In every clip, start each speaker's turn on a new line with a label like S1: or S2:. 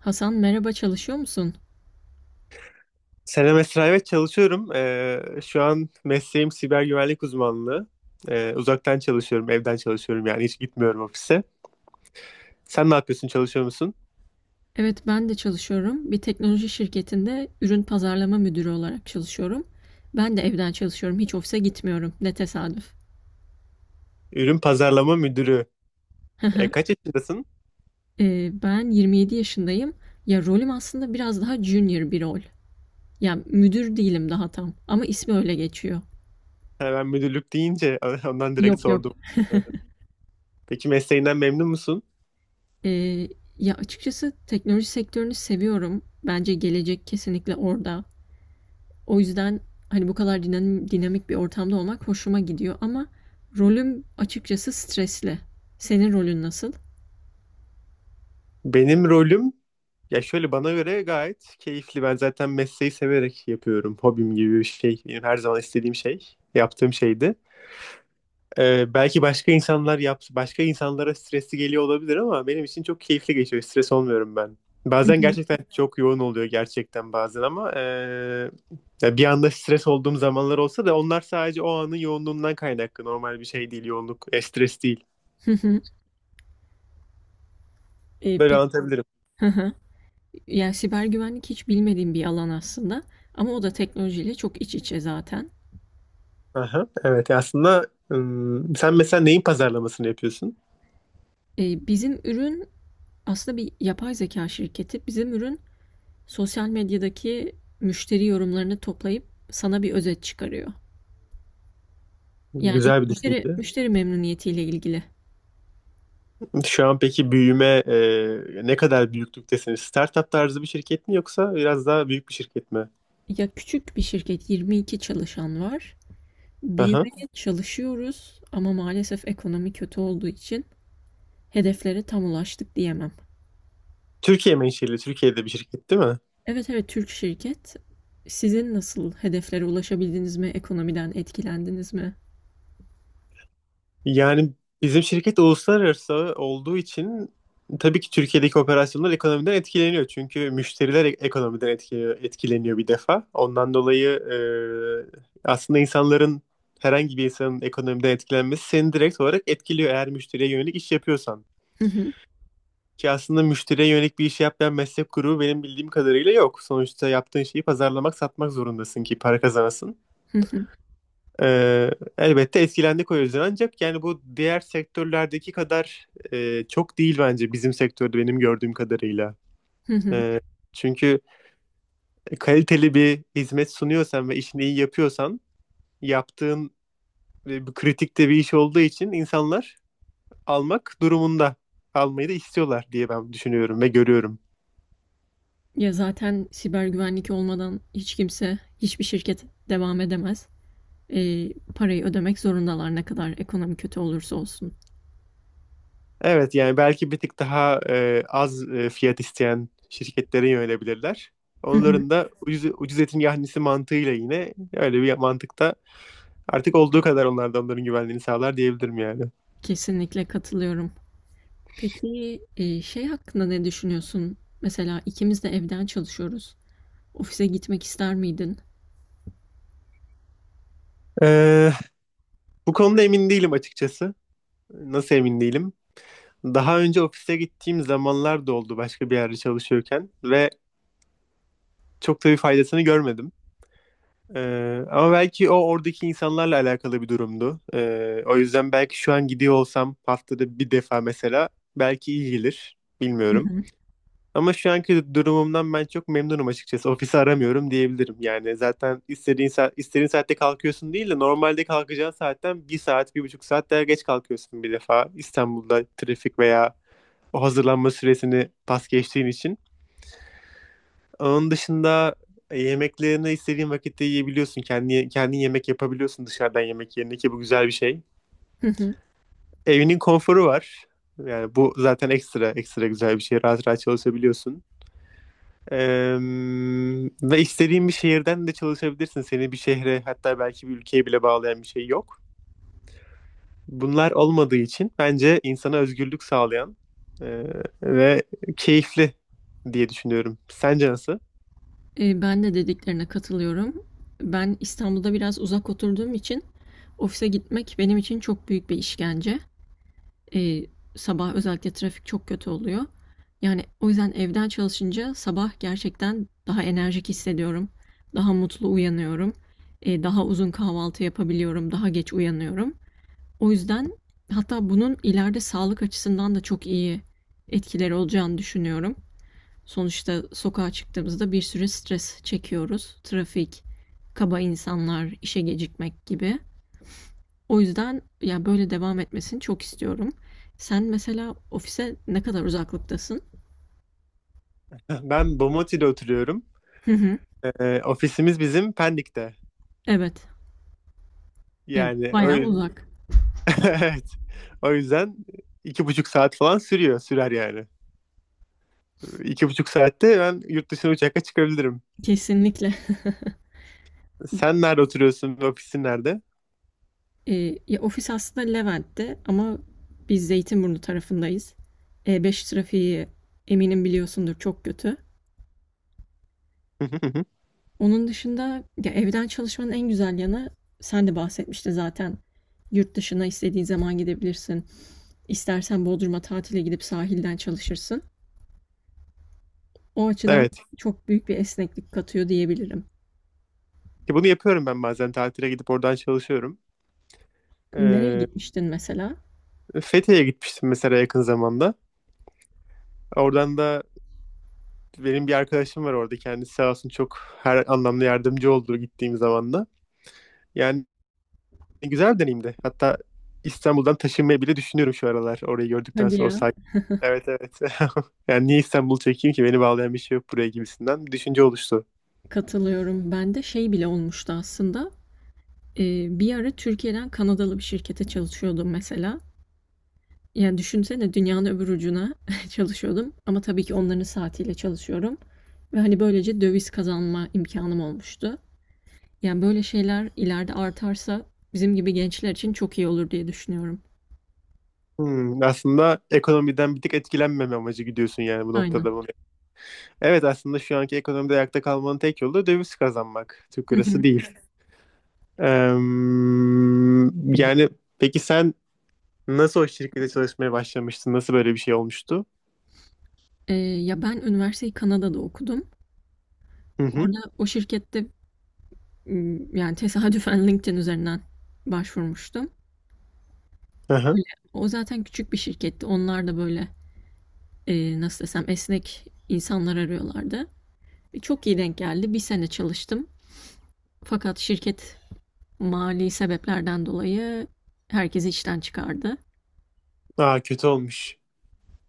S1: Hasan merhaba, çalışıyor musun?
S2: Selam Esra, evet çalışıyorum. Şu an mesleğim siber güvenlik uzmanlığı. Uzaktan çalışıyorum, evden çalışıyorum yani hiç gitmiyorum ofise. Sen ne yapıyorsun, çalışıyor musun?
S1: Evet, ben de çalışıyorum. Bir teknoloji şirketinde ürün pazarlama müdürü olarak çalışıyorum. Ben de evden çalışıyorum. Hiç ofise gitmiyorum. Ne tesadüf.
S2: Ürün pazarlama müdürü. Kaç yaşındasın?
S1: Ben 27 yaşındayım. Ya rolüm aslında biraz daha junior bir rol. Yani müdür değilim daha tam. Ama ismi öyle geçiyor.
S2: Ha, ben müdürlük deyince ondan direkt
S1: Yok yok.
S2: sordum. Peki mesleğinden memnun musun?
S1: Ee, Ya açıkçası teknoloji sektörünü seviyorum. Bence gelecek kesinlikle orada. O yüzden hani bu kadar dinamik bir ortamda olmak hoşuma gidiyor, ama rolüm açıkçası stresli. Senin rolün nasıl?
S2: Benim rolüm, ya şöyle bana göre gayet keyifli. Ben zaten mesleği severek yapıyorum. Hobim gibi bir şey. Benim her zaman istediğim şey, yaptığım şeydi. Belki başka insanlar başka insanlara stresli geliyor olabilir ama benim için çok keyifli geçiyor. Stres olmuyorum ben.
S1: Hı
S2: Bazen
S1: hı.
S2: gerçekten çok yoğun oluyor gerçekten bazen ama ya bir anda stres olduğum zamanlar olsa da onlar sadece o anın yoğunluğundan kaynaklı. Normal bir şey değil yoğunluk, stres değil.
S1: Hı hı.
S2: Böyle
S1: Peki.
S2: anlatabilirim.
S1: Hı hı. Yani siber güvenlik hiç bilmediğim bir alan aslında, ama o da teknolojiyle çok iç içe zaten.
S2: Aha, evet aslında, sen mesela neyin pazarlamasını yapıyorsun?
S1: Bizim ürün aslında bir yapay zeka şirketi. Bizim ürün sosyal medyadaki müşteri yorumlarını toplayıp sana bir özet çıkarıyor. Yani
S2: Güzel bir
S1: müşteri
S2: düşünce.
S1: müşteri memnuniyetiyle ilgili.
S2: Şu an peki ne kadar büyüklüktesiniz? Startup tarzı bir şirket mi yoksa biraz daha büyük bir şirket mi?
S1: Ya küçük bir şirket, 22 çalışan var.
S2: Aha.
S1: Büyümeye çalışıyoruz, ama maalesef ekonomi kötü olduğu için hedeflere tam ulaştık diyemem.
S2: Türkiye menşeli, Türkiye'de bir şirket değil mi?
S1: Evet evet, Türk şirket. Sizin nasıl, hedeflere ulaşabildiniz mi? Ekonomiden etkilendiniz mi?
S2: Yani bizim şirket uluslararası olduğu için tabii ki Türkiye'deki operasyonlar ekonomiden etkileniyor. Çünkü müşteriler ekonomiden etkileniyor, etkileniyor bir defa. Ondan dolayı aslında insanların herhangi bir insanın ekonomiden etkilenmesi seni direkt olarak etkiliyor eğer müşteriye yönelik iş yapıyorsan.
S1: Hı hı,
S2: Ki aslında müşteriye yönelik bir iş yapmayan meslek grubu benim bildiğim kadarıyla yok. Sonuçta yaptığın şeyi pazarlamak, satmak zorundasın ki para kazanasın.
S1: hı hı,
S2: Ee, Elbette etkilendik o yüzden ancak yani bu diğer sektörlerdeki kadar çok değil bence bizim sektörde benim gördüğüm kadarıyla.
S1: hı hı.
S2: Ee, Çünkü kaliteli bir hizmet sunuyorsan ve işini iyi yapıyorsan yaptığın bu kritikte bir iş olduğu için insanlar almak durumunda almayı da istiyorlar diye ben düşünüyorum ve görüyorum.
S1: Ya zaten siber güvenlik olmadan hiç kimse, hiçbir şirket devam edemez. Parayı ödemek zorundalar ne kadar ekonomi kötü olursa olsun.
S2: Evet yani belki bir tık daha az fiyat isteyen şirketlere yönelebilirler.
S1: Hı hı.
S2: Onların da ucuz, ucuz etin yahnisi mantığıyla yine öyle bir mantıkta artık olduğu kadar onlar da onların güvenliğini sağlar diyebilirim yani.
S1: Kesinlikle katılıyorum. Peki şey hakkında ne düşünüyorsun? Mesela ikimiz de evden çalışıyoruz. Ofise gitmek ister miydin?
S2: Ee, Bu konuda emin değilim açıkçası. Nasıl emin değilim? Daha önce ofise gittiğim zamanlar da oldu başka bir yerde çalışıyorken ve çok da bir faydasını görmedim. Ama belki o oradaki insanlarla alakalı bir durumdu. O yüzden belki şu an gidiyor olsam haftada bir defa mesela belki iyi gelir.
S1: Hı
S2: Bilmiyorum.
S1: hı.
S2: Ama şu anki durumumdan ben çok memnunum açıkçası. Ofisi aramıyorum diyebilirim. Yani zaten istediğin saatte kalkıyorsun değil de normalde kalkacağın saatten bir saat, 1,5 saat daha geç kalkıyorsun bir defa. İstanbul'da trafik veya o hazırlanma süresini pas geçtiğin için. Onun dışında yemeklerini istediğin vakitte yiyebiliyorsun. Kendin yemek yapabiliyorsun dışarıdan yemek yerine ki bu güzel bir şey.
S1: Hı hı.
S2: Evinin konforu var. Yani bu zaten ekstra ekstra güzel bir şey. Rahat rahat çalışabiliyorsun. Eee, Ve istediğin bir şehirden de çalışabilirsin. Seni bir şehre hatta belki bir ülkeye bile bağlayan bir şey yok. Bunlar olmadığı için bence insana özgürlük sağlayan ve keyifli diye düşünüyorum. Sence nasıl?
S1: Ben de dediklerine katılıyorum. Ben İstanbul'da biraz uzak oturduğum için ofise gitmek benim için çok büyük bir işkence. E, Sabah özellikle trafik çok kötü oluyor. Yani o yüzden evden çalışınca sabah gerçekten daha enerjik hissediyorum. Daha mutlu uyanıyorum. Daha uzun kahvaltı yapabiliyorum. Daha geç uyanıyorum. O yüzden hatta bunun ileride sağlık açısından da çok iyi etkileri olacağını düşünüyorum. Sonuçta sokağa çıktığımızda bir sürü stres çekiyoruz. Trafik, kaba insanlar, işe gecikmek gibi. O yüzden yani böyle devam etmesini çok istiyorum. Sen mesela ofise ne kadar uzaklıktasın?
S2: Ben Bomonti'de oturuyorum.
S1: Hı hı.
S2: Ofisimiz bizim Pendik'te.
S1: Evet.
S2: Yani o,
S1: Bayağı
S2: yüz-
S1: uzak.
S2: evet. O yüzden 2,5 saat falan sürer yani. 2,5 saatte ben yurt dışına uçakla çıkabilirim.
S1: Kesinlikle.
S2: Sen nerede oturuyorsun ve ofisin nerede?
S1: E, Ya ofis aslında Levent'te, ama biz Zeytinburnu tarafındayız. E5 trafiği eminim biliyorsundur, çok kötü.
S2: Hı hı hı.
S1: Onun dışında ya evden çalışmanın en güzel yanı, sen de bahsetmiştin zaten. Yurt dışına istediğin zaman gidebilirsin. İstersen Bodrum'a tatile gidip sahilden çalışırsın. O açıdan
S2: Evet.
S1: çok büyük bir esneklik katıyor diyebilirim.
S2: Ki bunu yapıyorum ben bazen tatile gidip oradan çalışıyorum.
S1: Nereye
S2: Ee,
S1: gitmiştin mesela?
S2: Fethiye'ye gitmiştim mesela yakın zamanda. Oradan da benim bir arkadaşım var orada. Kendisi sağ olsun çok her anlamda yardımcı oldu gittiğim zaman da. Yani güzel bir deneyimdi. Hatta İstanbul'dan taşınmayı bile düşünüyorum şu aralar. Orayı gördükten
S1: Hadi
S2: sonra o
S1: ya,
S2: sahil. Evet, evet. Yani niye İstanbul çekeyim ki? Beni bağlayan bir şey yok buraya gibisinden bir düşünce oluştu.
S1: katılıyorum. Ben de şey bile olmuştu aslında. Bir ara Türkiye'den Kanadalı bir şirkete çalışıyordum mesela. Yani düşünsene, dünyanın öbür ucuna çalışıyordum, ama tabii ki onların saatiyle çalışıyorum. Ve hani böylece döviz kazanma imkanım olmuştu. Yani böyle şeyler ileride artarsa bizim gibi gençler için çok iyi olur diye düşünüyorum.
S2: Hmm, aslında ekonomiden bir tık etkilenmeme amacı gidiyorsun yani bu
S1: Aynen.
S2: noktada, mı? Evet, aslında şu anki ekonomide ayakta kalmanın tek yolu da döviz kazanmak. Türk lirası değil. Yani peki sen nasıl o şirkete çalışmaya başlamıştın? Nasıl böyle bir şey olmuştu?
S1: Ya ben üniversiteyi Kanada'da okudum.
S2: Hı hı.
S1: Orada o şirkette yani tesadüfen LinkedIn üzerinden başvurmuştum.
S2: Aha.
S1: Öyle. O zaten küçük bir şirketti. Onlar da böyle nasıl desem esnek insanlar arıyorlardı. Çok iyi denk geldi. Bir sene çalıştım. Fakat şirket mali sebeplerden dolayı herkesi işten çıkardı.
S2: Aa, kötü olmuş.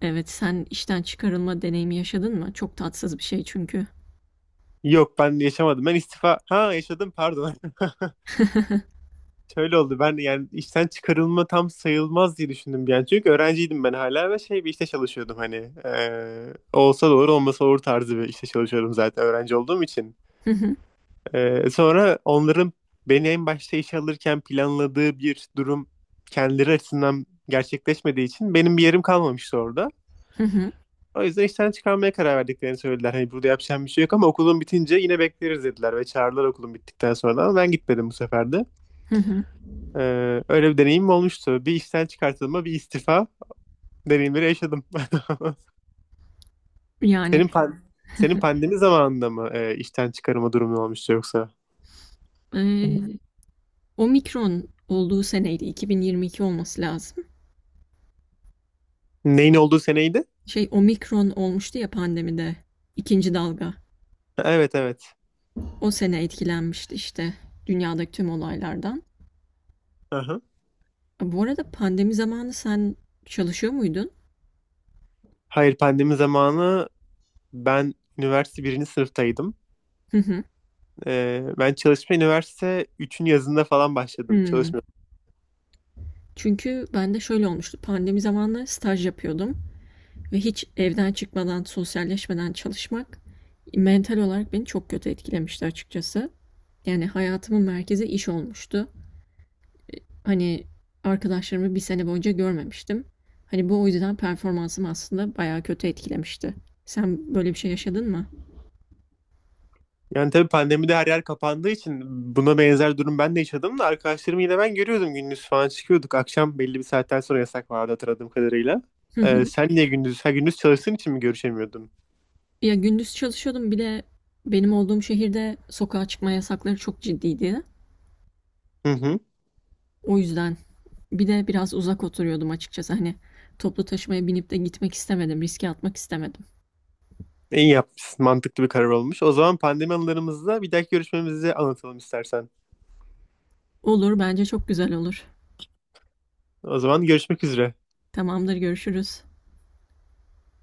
S1: Evet, sen işten çıkarılma deneyimi yaşadın mı? Çok tatsız bir şey çünkü.
S2: Yok, ben yaşamadım. Ben istifa… Ha, yaşadım pardon. Şöyle oldu, ben yani işten çıkarılma tam sayılmaz diye düşündüm bir an. Çünkü öğrenciydim ben hala ve şey bir işte çalışıyordum hani. Olsa doğru olmasa olur tarzı bir işte çalışıyordum zaten öğrenci olduğum için.
S1: Hı hı,
S2: Sonra onların beni en başta işe alırken planladığı bir durum kendileri açısından gerçekleşmediği için benim bir yerim kalmamıştı orada.
S1: hı hı,
S2: O yüzden işten çıkarmaya karar verdiklerini söylediler. Hani burada yapacağım bir şey yok ama okulun bitince yine bekleriz dediler ve çağırdılar okulun bittikten sonra ama ben gitmedim bu sefer de.
S1: hı hı.
S2: Öyle bir deneyim olmuştu. Bir işten çıkartılma, bir istifa deneyimleri yaşadım.
S1: Yani
S2: Senin pan senin pandemi zamanında mı işten çıkarma durumu olmuştu yoksa?
S1: eee Omikron olduğu seneydi, 2022 olması lazım.
S2: Neyin olduğu seneydi?
S1: Şey Omikron olmuştu ya, pandemide ikinci dalga.
S2: Evet, evet.
S1: O sene etkilenmişti işte dünyadaki tüm olaylardan.
S2: Aha.
S1: Bu arada pandemi zamanı sen çalışıyor muydun?
S2: Hayır, pandemi zamanı ben üniversite birinci sınıftaydım.
S1: Hı hı.
S2: Ben üniversite üçün yazında falan başladım.
S1: Hmm.
S2: Çalışma.
S1: Çünkü ben de şöyle olmuştu. Pandemi zamanları staj yapıyordum ve hiç evden çıkmadan, sosyalleşmeden çalışmak mental olarak beni çok kötü etkilemişti açıkçası. Yani hayatımın merkezi iş olmuştu. Hani arkadaşlarımı bir sene boyunca görmemiştim. Hani bu o yüzden performansım aslında bayağı kötü etkilemişti. Sen böyle bir şey yaşadın mı?
S2: Yani tabii pandemide her yer kapandığı için buna benzer durum ben de yaşadım da arkadaşlarımı yine ben görüyordum gündüz falan çıkıyorduk. Akşam belli bir saatten sonra yasak vardı hatırladığım kadarıyla. Sen niye gündüz? Her gündüz çalıştığın için mi görüşemiyordun?
S1: Ya gündüz çalışıyordum, bir de benim olduğum şehirde sokağa çıkma yasakları çok ciddiydi.
S2: Hı hı.
S1: O yüzden bir de biraz uzak oturuyordum açıkçası. Hani toplu taşımaya binip de gitmek istemedim. Riske atmak istemedim.
S2: İyi yapmışsın. Mantıklı bir karar olmuş. O zaman pandemi anılarımızda bir dahaki görüşmemizi anlatalım istersen.
S1: Olur, bence çok güzel olur.
S2: O zaman görüşmek üzere.
S1: Tamamdır, görüşürüz.